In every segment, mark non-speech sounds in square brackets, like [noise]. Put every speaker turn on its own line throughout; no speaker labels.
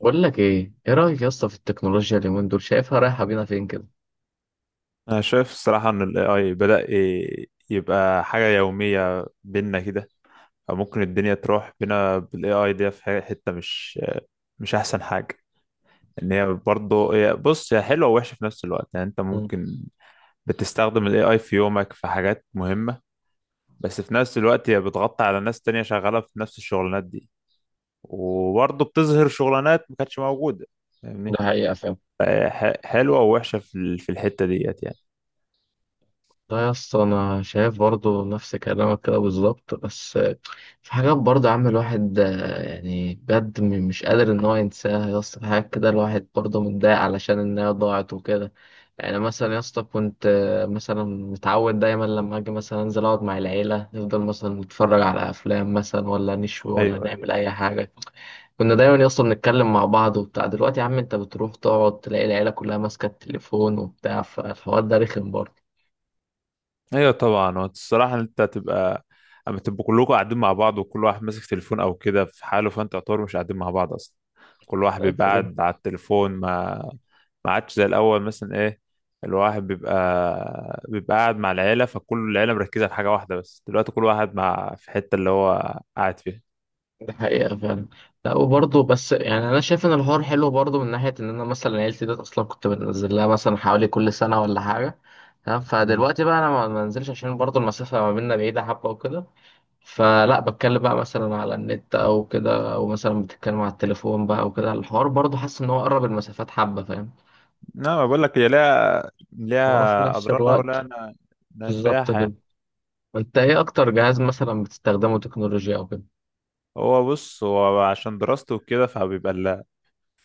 بقول لك ايه ايه رايك يا اسطى في التكنولوجيا اليومين دول شايفها رايحه بينا فين كده.
انا شايف الصراحه ان ال AI بدأ يبقى حاجه يوميه بينا كده. او ممكن الدنيا تروح بينا بال AI دي في حته مش احسن حاجه. ان هي برضه بص هي حلوه ووحشه في نفس الوقت، يعني انت
مم.
ممكن بتستخدم ال AI في يومك في حاجات مهمه، بس في نفس الوقت هي بتغطي على ناس تانية شغاله في نفس الشغلانات دي، وبرضه بتظهر شغلانات ما كانتش موجوده. فاهمني؟
ده حقيقة فعلا.
فهي حلوه ووحشه في الحته ديت يعني.
لا يا اسطى انا شايف برضو نفس كلامك كده بالظبط، بس في حاجات برضو يا عم الواحد يعني بجد مش قادر ان هو ينساها يا اسطى، في حاجات كده الواحد برضو متضايق علشان انها ضاعت وكده. يعني مثلا يا اسطى كنت مثلا متعود دايما لما اجي مثلا انزل اقعد مع العيله نفضل مثلا نتفرج على افلام مثلا ولا نشوي ولا
ايوه،
نعمل اي حاجه. كنا دايما يا اسطى بنتكلم مع بعض وبتاع، دلوقتي يا عم انت بتروح تقعد تلاقي العيله كلها ماسكه التليفون وبتاع، فالحوار ده رخم برضه.
ايوه طبعا. هو الصراحه إن انت هتبقى اما تبقوا كلكم قاعدين مع بعض وكل واحد ماسك تليفون او كده في حاله، فانت يعتبر مش قاعدين مع بعض اصلا. كل واحد
رأيك
بيبقى
في كده؟
قاعد على التليفون. ما ما عادش زي الاول مثلا، ايه الواحد بيبقى قاعد مع العيله، فكل العيله مركزه في حاجه واحده، بس دلوقتي كل واحد مع في حته اللي هو قاعد فيها.
ده حقيقه فعلا. لا وبرضه بس يعني انا شايف ان الحوار حلو برضه، من ناحيه ان انا مثلا عيلتي ديت اصلا كنت بنزل لها مثلا حوالي كل سنه ولا حاجه. تمام،
امم.
فدلوقتي بقى انا ما بنزلش عشان برضه المسافه ما بيننا بعيده حبه وكده. فلا بتكلم بقى مثلا على النت او كده، او مثلا بتتكلم على التليفون بقى وكده، الحوار برضه حاسس ان هو قرب المسافات حبه، فاهم.
لا، بقول لك هي ليها
وفي
ليها
نفس
اضرارها ولا
الوقت
انا
بالظبط
نافعها يعني.
كده. انت ايه اكتر جهاز مثلا بتستخدمه تكنولوجيا او كده؟
هو بص، هو عشان دراسته وكده فبيبقى،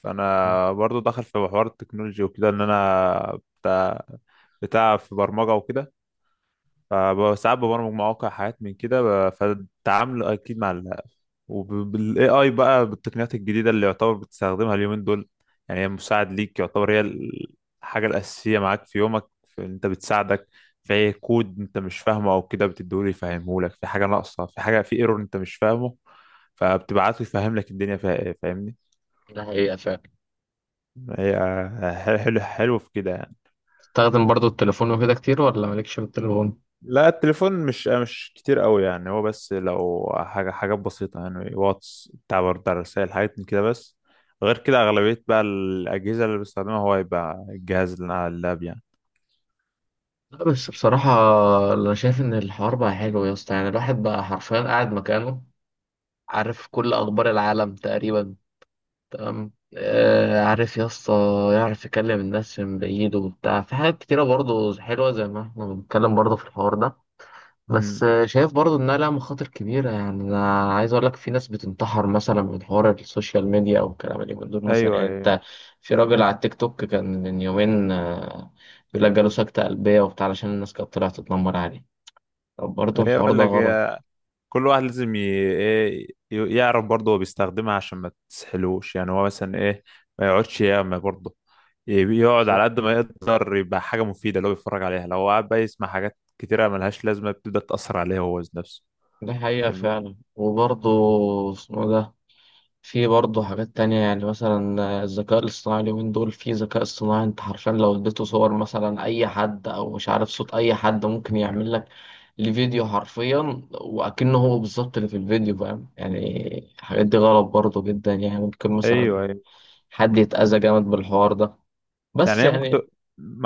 فانا برضو داخل في حوار التكنولوجي وكده ان انا بتاع في برمجه وكده، فساعات ببرمج مواقع حاجات من كده فالتعامل اكيد مع ال وبالاي اي بقى بالتقنيات الجديده اللي يعتبر بتستخدمها اليومين دول. يعني هي مساعد ليك، يعتبر هي الحاجه الاساسيه معاك في يومك، في انت بتساعدك في أي كود انت مش فاهمه او كده بتديهوله يفهمهولك، في حاجه ناقصه، في حاجه في ايرور انت مش فاهمه فبتبعته يفهم لك الدنيا فيها ايه. فاهمني؟
ده حقيقة فعلا.
هي حلو حلو في كده يعني.
بتستخدم برضو التليفون وكده كتير ولا مالكش في التليفون؟
لا، التليفون مش كتير قوي يعني. هو بس لو حاجة حاجات بسيطة يعني، واتس بتاع برد على الرسائل حاجات من كده بس. غير كده أغلبية بقى الأجهزة اللي بستخدمها هو يبقى الجهاز اللي أنا على اللاب يعني.
لا بس بصراحة انا شايف ان الحوار بقى حلو يا اسطى، يعني الواحد بقى حرفيا قاعد مكانه عارف كل اخبار العالم تقريبا. تمام. آه عارف يا اسطى. يعرف يكلم الناس من بعيد وبتاع، في حاجات كتيرة برضو حلوة زي ما احنا بنتكلم برضو في الحوار ده. بس
امم.
شايف برضو انها لها مخاطر كبيره، يعني انا عايز اقول لك في ناس بتنتحر مثلا من حوار السوشيال ميديا او الكلام اللي من دول مثلا،
أيوه،
يعني
أيوه، أيوه.
انت. في راجل على التيك توك كان من يومين بيقول لك جاله سكته قلبيه وبتاع علشان الناس كانت طلعت تتنمر عليه. طب برضو
هي
الحوار
بقول
ده
لك
غلط.
كل واحد لازم يعرف برضه هو بيستخدمها عشان ما تسحلوش، يعني هو مثلا ايه ما يقعدش ياما برضه. يقعد على
بالظبط.
قد ما يقدر يبقى حاجة مفيدة اللي هو بيتفرج عليها. لو قعد بقى يسمع حاجات كتيرة ملهاش لازمة بتبدأ تأثر عليه هو ذات نفسه.
دي حقيقه
أم-
فعلا وبرضو اسمه ده. في برضه حاجات تانية، يعني مثلا الذكاء الاصطناعي اليومين دول في ذكاء اصطناعي انت حرفيا لو اديته صور مثلا أي حد أو مش عارف صوت أي حد ممكن يعمل لك الفيديو حرفيا وأكنه هو بالظبط اللي في الفيديو، فاهم يعني. الحاجات دي غلط برضه جدا، يعني ممكن مثلا
أيوه، أيوه.
حد يتأذى جامد بالحوار ده.
يعني
بس
هي ممكن
يعني
تبقى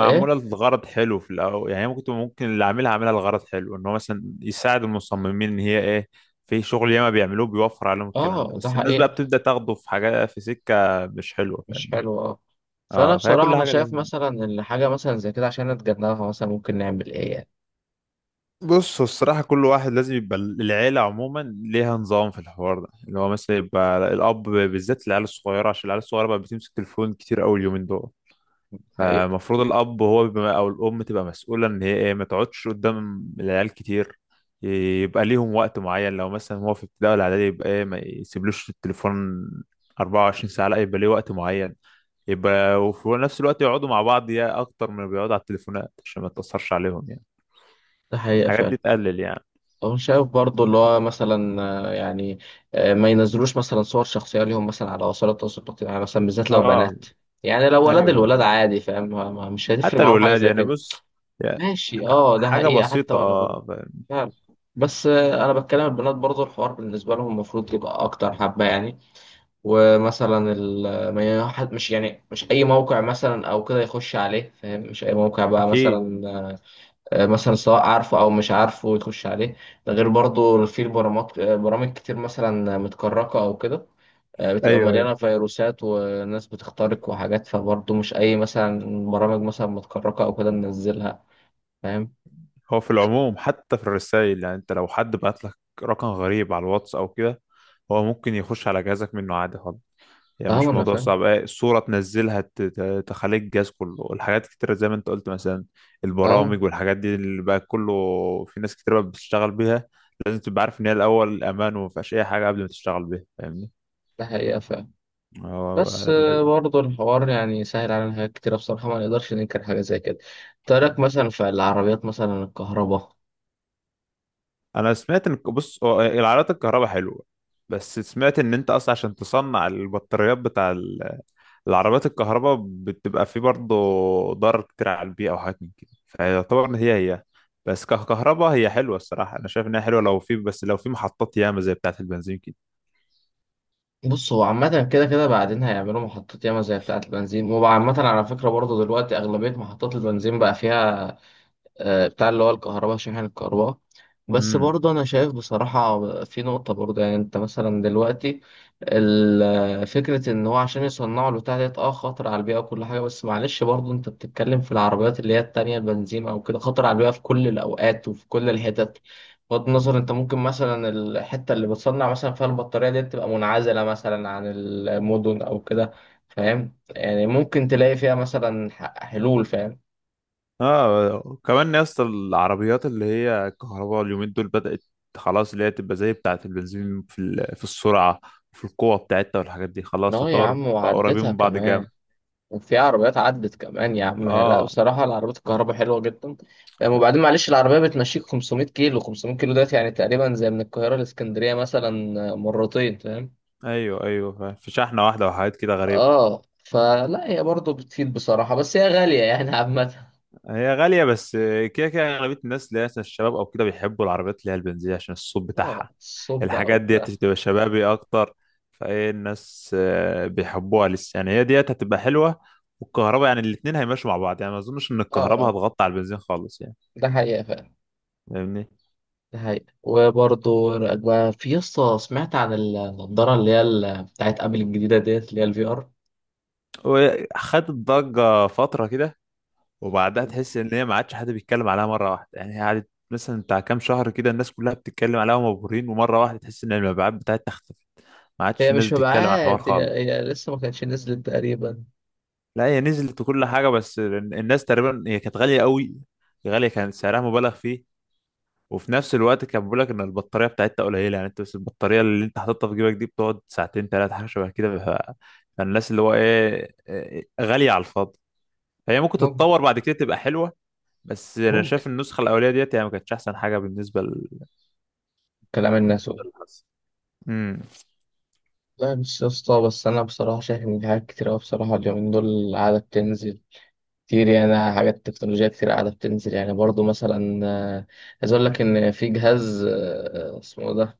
إيه.
لغرض حلو في الأول، يعني هي ممكن اللي عاملها عاملها لغرض حلو، إن هو مثلا يساعد المصممين إن هي إيه في شغل ياما بيعملوه، بيوفر عليهم الكلام ده،
آه ده
بس الناس بقى
حقيقة.
بتبدأ تاخده في حاجة في سكة مش حلوة. فاهم؟
مش حلو آه. فأنا
اه، فهي
بصراحة
كل
أنا
حاجه
شايف
ليه.
مثلا إن حاجة مثلا زي كده عشان نتجنبها مثلا ممكن نعمل إيه يعني.
بص هو الصراحه كل واحد لازم يبقى، العيله عموما ليها نظام في الحوار ده، اللي هو مثلا يبقى الاب بالذات، العيال الصغيره عشان العيال الصغيره بقى بتمسك تليفون كتير قوي اليومين دول.
حقيقة.
فالمفروض الاب هو بيبقى او الام تبقى مسؤوله ان هي ايه ما تقعدش قدام العيال كتير. يبقى ليهم وقت معين، لو مثلا هو في ابتدائي ولا اعدادي يبقى ايه ما يسيبلوش التليفون 24 ساعه، لا يبقى ليه وقت معين. يبقى وفي نفس الوقت يقعدوا مع بعض يا اكتر من بيقعدوا على التليفونات عشان ما تاثرش عليهم يعني.
ده حقيقة
الحاجات
فعلا.
دي تقلل يعني.
أو شايف برضه اللي هو مثلا يعني ما- ينزلوش مثلا صور شخصية ليهم مثلا على وسائل التواصل الاجتماعي مثلا، بالذات لو
اه.
بنات. يعني لو ولاد،
ايوه،
الولاد
أيوه.
عادي فاهم، ما- ما- مش هتفرق
حتى
معاهم حاجة
الولاد
زي
يعني،
كده.
بص، يعني
ماشي اه ده
حاجة
حقيقة حتى
بسيطة
ولو بنات.
اه
فعلا. بس أنا بتكلم البنات برضه الحوار بالنسبة لهم المفروض يبقى أكتر حبة يعني. ومثلا ال- ما ي- حد- مش يعني مش أي موقع مثلا أو كده يخش عليه، فاهم؟ مش أي موقع بقى
اكيد.
مثلا مثلا سواء عارفه او مش عارفه يخش عليه. ده غير برضو في برامج كتير مثلا متكركه او كده بتبقى
ايوه، ايوه.
مليانه فيروسات وناس بتخترق وحاجات، فبرضو مش اي مثلا برامج مثلا متكركه او كده ننزلها، فاهم.
هو في العموم حتى في الرسائل، يعني انت لو حد بعت لك رقم غريب على الواتس او كده، هو ممكن يخش على جهازك منه عادي خالص. يعني
اه
مش
انا
موضوع
فاهم.
صعب، ايه، الصورة تنزلها تخليك الجهاز كله، الحاجات كتيرة زي ما انت قلت مثلا
اه
البرامج والحاجات دي اللي بقى كله، في ناس كتير بقى بتشتغل بيها. لازم تبقى عارف ان هي الاول امان وما فيهاش اي حاجة قبل ما تشتغل بيها. فاهمني؟
ده حقيقه فاهم.
هو
بس برضو الحوار يعني سهل علينا حاجات كتيرة بصراحة، ما نقدرش ننكر حاجة زي كده. ترك مثلا في العربيات مثلا الكهرباء.
انا سمعت ان، بص، هو العربيات الكهرباء حلوه، بس سمعت ان انت اصلا عشان تصنع البطاريات بتاع العربيات الكهرباء بتبقى فيه برضه ضرر كتير على البيئه وحاجات من كده. فيعتبر ان هي بس ككهرباء هي حلوه. الصراحه انا شايف انها حلوه، لو في، بس لو في محطات ياما زي بتاعه البنزين
بص هو عامة كده كده بعدين هيعملوا محطات ياما زي بتاعة البنزين، وعامة على فكرة برضه دلوقتي أغلبية محطات البنزين بقى فيها بتاع اللي هو الكهرباء، شاحن الكهرباء. بس
كده.
برضه أنا شايف بصراحة في نقطة برضه، يعني أنت مثلا دلوقتي فكرة إن هو عشان يصنعوا البتاع ديت أه خطر على البيئة وكل حاجة، بس معلش برضه أنت بتتكلم في العربيات اللي هي التانية البنزين أو كده خطر على البيئة في كل الأوقات وفي كل الحتت. بغض النظر أنت ممكن مثلا الحتة اللي بتصنع مثلا فيها البطارية دي تبقى منعزلة مثلا عن المدن أو كده، فاهم يعني؟ ممكن تلاقي فيها مثلا حلول، فاهم.
اه كمان يا اسطى، العربيات اللي هي الكهرباء اليومين دول بدأت خلاص اللي هي تبقى زي بتاعة البنزين في السرعة، في القوة بتاعتها والحاجات دي. خلاص
اه يا
يعتبر
عم
بقى قريبين
وعدتها
من بعض جامد.
كمان، وفي عربيات عدت كمان يا عم. لا
اه،
بصراحة العربيات الكهرباء حلوة جدا. وبعدين معلش العربية بتمشيك 500 كيلو 500 كيلو دلوقتي، يعني تقريبا زي من القاهرة لإسكندرية مثلا مرتين، فاهم.
ايوه، ايوه فاهم. في شحنة واحدة وحاجات كده غريبة.
اه فلا هي برضه بتفيد بصراحة بس هي غالية يعني عامة.
هي غالية، بس كده كده أغلبية الناس اللي هي مثلا الشباب او كده بيحبوا العربيات اللي هي البنزين عشان الصوت
اه
بتاعها.
الصب بقى
الحاجات ديت
وبتاع.
تبقى شبابي اكتر، فايه الناس بيحبوها لسه. يعني هي ديت هتبقى حلوه والكهرباء، يعني الاتنين هيمشوا مع بعض، يعني ما اظنش ان
اه
الكهرباء
اه
هتغطي على البنزين خالص يعني.
ده حقيقة فعلا.
فاهمني؟
ده حقيقة وبرضه بقى في يسطا سمعت عن النضارة اللي هي بتاعت أبل الجديدة ديت اللي هي الفي ار.
وخدت ضجه فتره كده، وبعدها تحس ان هي ما عادش حد بيتكلم عليها مره واحده. يعني هي قعدت مثلا بتاع كام شهر كده الناس كلها بتتكلم عليها ومبهورين، ومره واحده تحس ان المبيعات بتاعتها اختفت، ما عادش
هي
الناس
مش
بتتكلم على الحوار
مبيعات، هي
خالص.
هي لسه ما كانتش نزلت تقريبا.
لا هي نزلت وكل حاجه، بس الناس تقريبا هي كانت غاليه قوي، غاليه كان سعرها مبالغ فيه. وفي نفس الوقت كان بيقول لك ان البطاريه بتاعتها قليله، يعني انت بس البطاريه اللي انت حاططها في جيبك دي بتقعد 2 ساعتين ثلاثه حاجه شبه كده. فالناس اللي هو إيه، غاليه على الفاضي. هي ممكن
ممكن.
تتطور بعد كده تبقى حلوه، بس انا
ممكن.
شايف النسخه الاوليه ديت يعني ما كانتش احسن حاجه بالنسبه
كلام الناس
بالنسبه
قول.
للحظ. امم.
لا مش يا اسطى، بس انا بصراحه شايف ان في حاجات كتير قوي بصراحه اليومين دول قاعده بتنزل كتير، يعني حاجات تكنولوجيا كتير قاعده بتنزل، يعني برضو مثلا آه، عايز اقول لك ان في جهاز اسمه إيه ده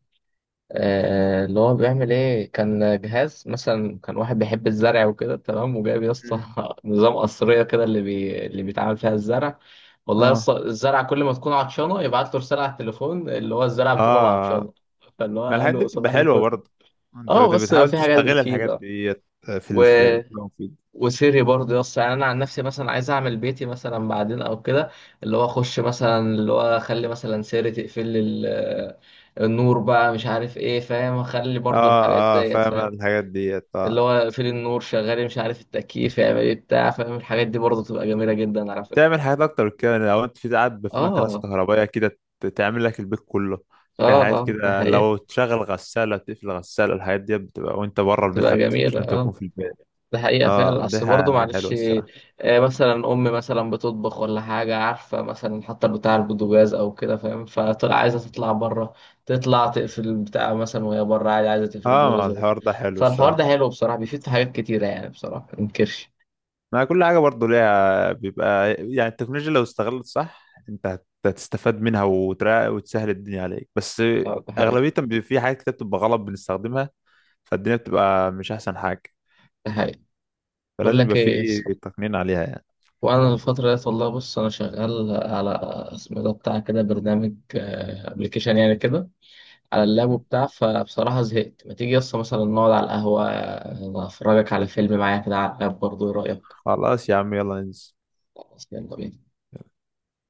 اللي هو بيعمل ايه. كان جهاز مثلا كان واحد بيحب الزرع وكده، تمام، وجايب يا اسطى
مم.
[laughs] نظام قصرية كده اللي اللي بيتعمل فيها الزرع. والله يا
اه،
اسطى الزرع كل ما تكون عطشانة يبعت له رسالة على التليفون، اللي هو الزرع بتقول له انا
اه،
عطشانة، فاللي هو
ما
قال
الحاجات دي
له
بتبقى
صباح
حلوه
الفل.
برضه. انت
اه بس
بتحاول
في حاجات
تستغل
بتفيد.
الحاجات
اه
ديت في في-
وسري برضه يا اسطى، يعني انا عن نفسي مثلا عايز اعمل بيتي مثلا بعدين او كده اللي هو اخش مثلا اللي هو اخلي مثلا سري تقفل لي النور بقى مش عارف ايه، فاهم؟ اخلي برضه الحاجات
اه، اه
ديت
فاهم
فاهم،
الحاجات ديت
اللي
اه.
هو اقفل النور شغالي مش عارف التكييف يعمل ايه بتاع، فاهم؟ الحاجات دي برضه تبقى جميلة جدا على فكرة.
تعمل حاجات اكتر كده لو انت في قاعد في مكنسه
اه
كهربائيه كده تعمل لك البيت كله. في
اه
حاجات
اه ده
كده
حقيقي.
لو تشغل غساله، تقفل غساله، الحاجات دي بتبقى وانت بره البيت،
بتبقى
حتى مش
جميلة
لازم
اه.
تكون في البيت.
ده حقيقة
اه،
فعلا،
دي
أصل برضه
حاجه حلوه
معلش
الصراحه.
مثلا أم مثلا بتطبخ ولا حاجة عارفة مثلا حتى بتاع البوتاجاز أو كده، فاهم، فطلع عايزة تطلع بره، تطلع تقفل البتاع مثلا وهي بره عادي، عايزة تقفل
اه، ما
البوتاجاز بره.
الحوار ده حلو
فالحوار ده
الصراحه.
حلو بصراحة بيفيد في حاجات كتيرة يعني بصراحة منكرش.
ما كل حاجه برضو ليها بيبقى، يعني التكنولوجيا لو استغلت صح انت هتستفاد منها وتسهل الدنيا عليك، بس
ده حقيقة.
اغلبيه بيبقى في حاجات كده بتبقى غلط بنستخدمها فالدنيا بتبقى مش احسن حاجه.
ده حقيقة. بقول
فلازم
لك
يبقى في
إيه
تقنين عليها يعني.
وأنا الفترة ديت والله بص أنا شغال على اسمه ده بتاع كده برنامج أبلكيشن يعني كده، على اللاب وبتاع، فبصراحة زهقت، ما تيجي يسطا مثلا نقعد على القهوة أفرجك على فيلم معايا كده على اللاب برضه، إيه رأيك؟
خلاص يا عم، يلا ننزل.
خلاص، يلا بينا.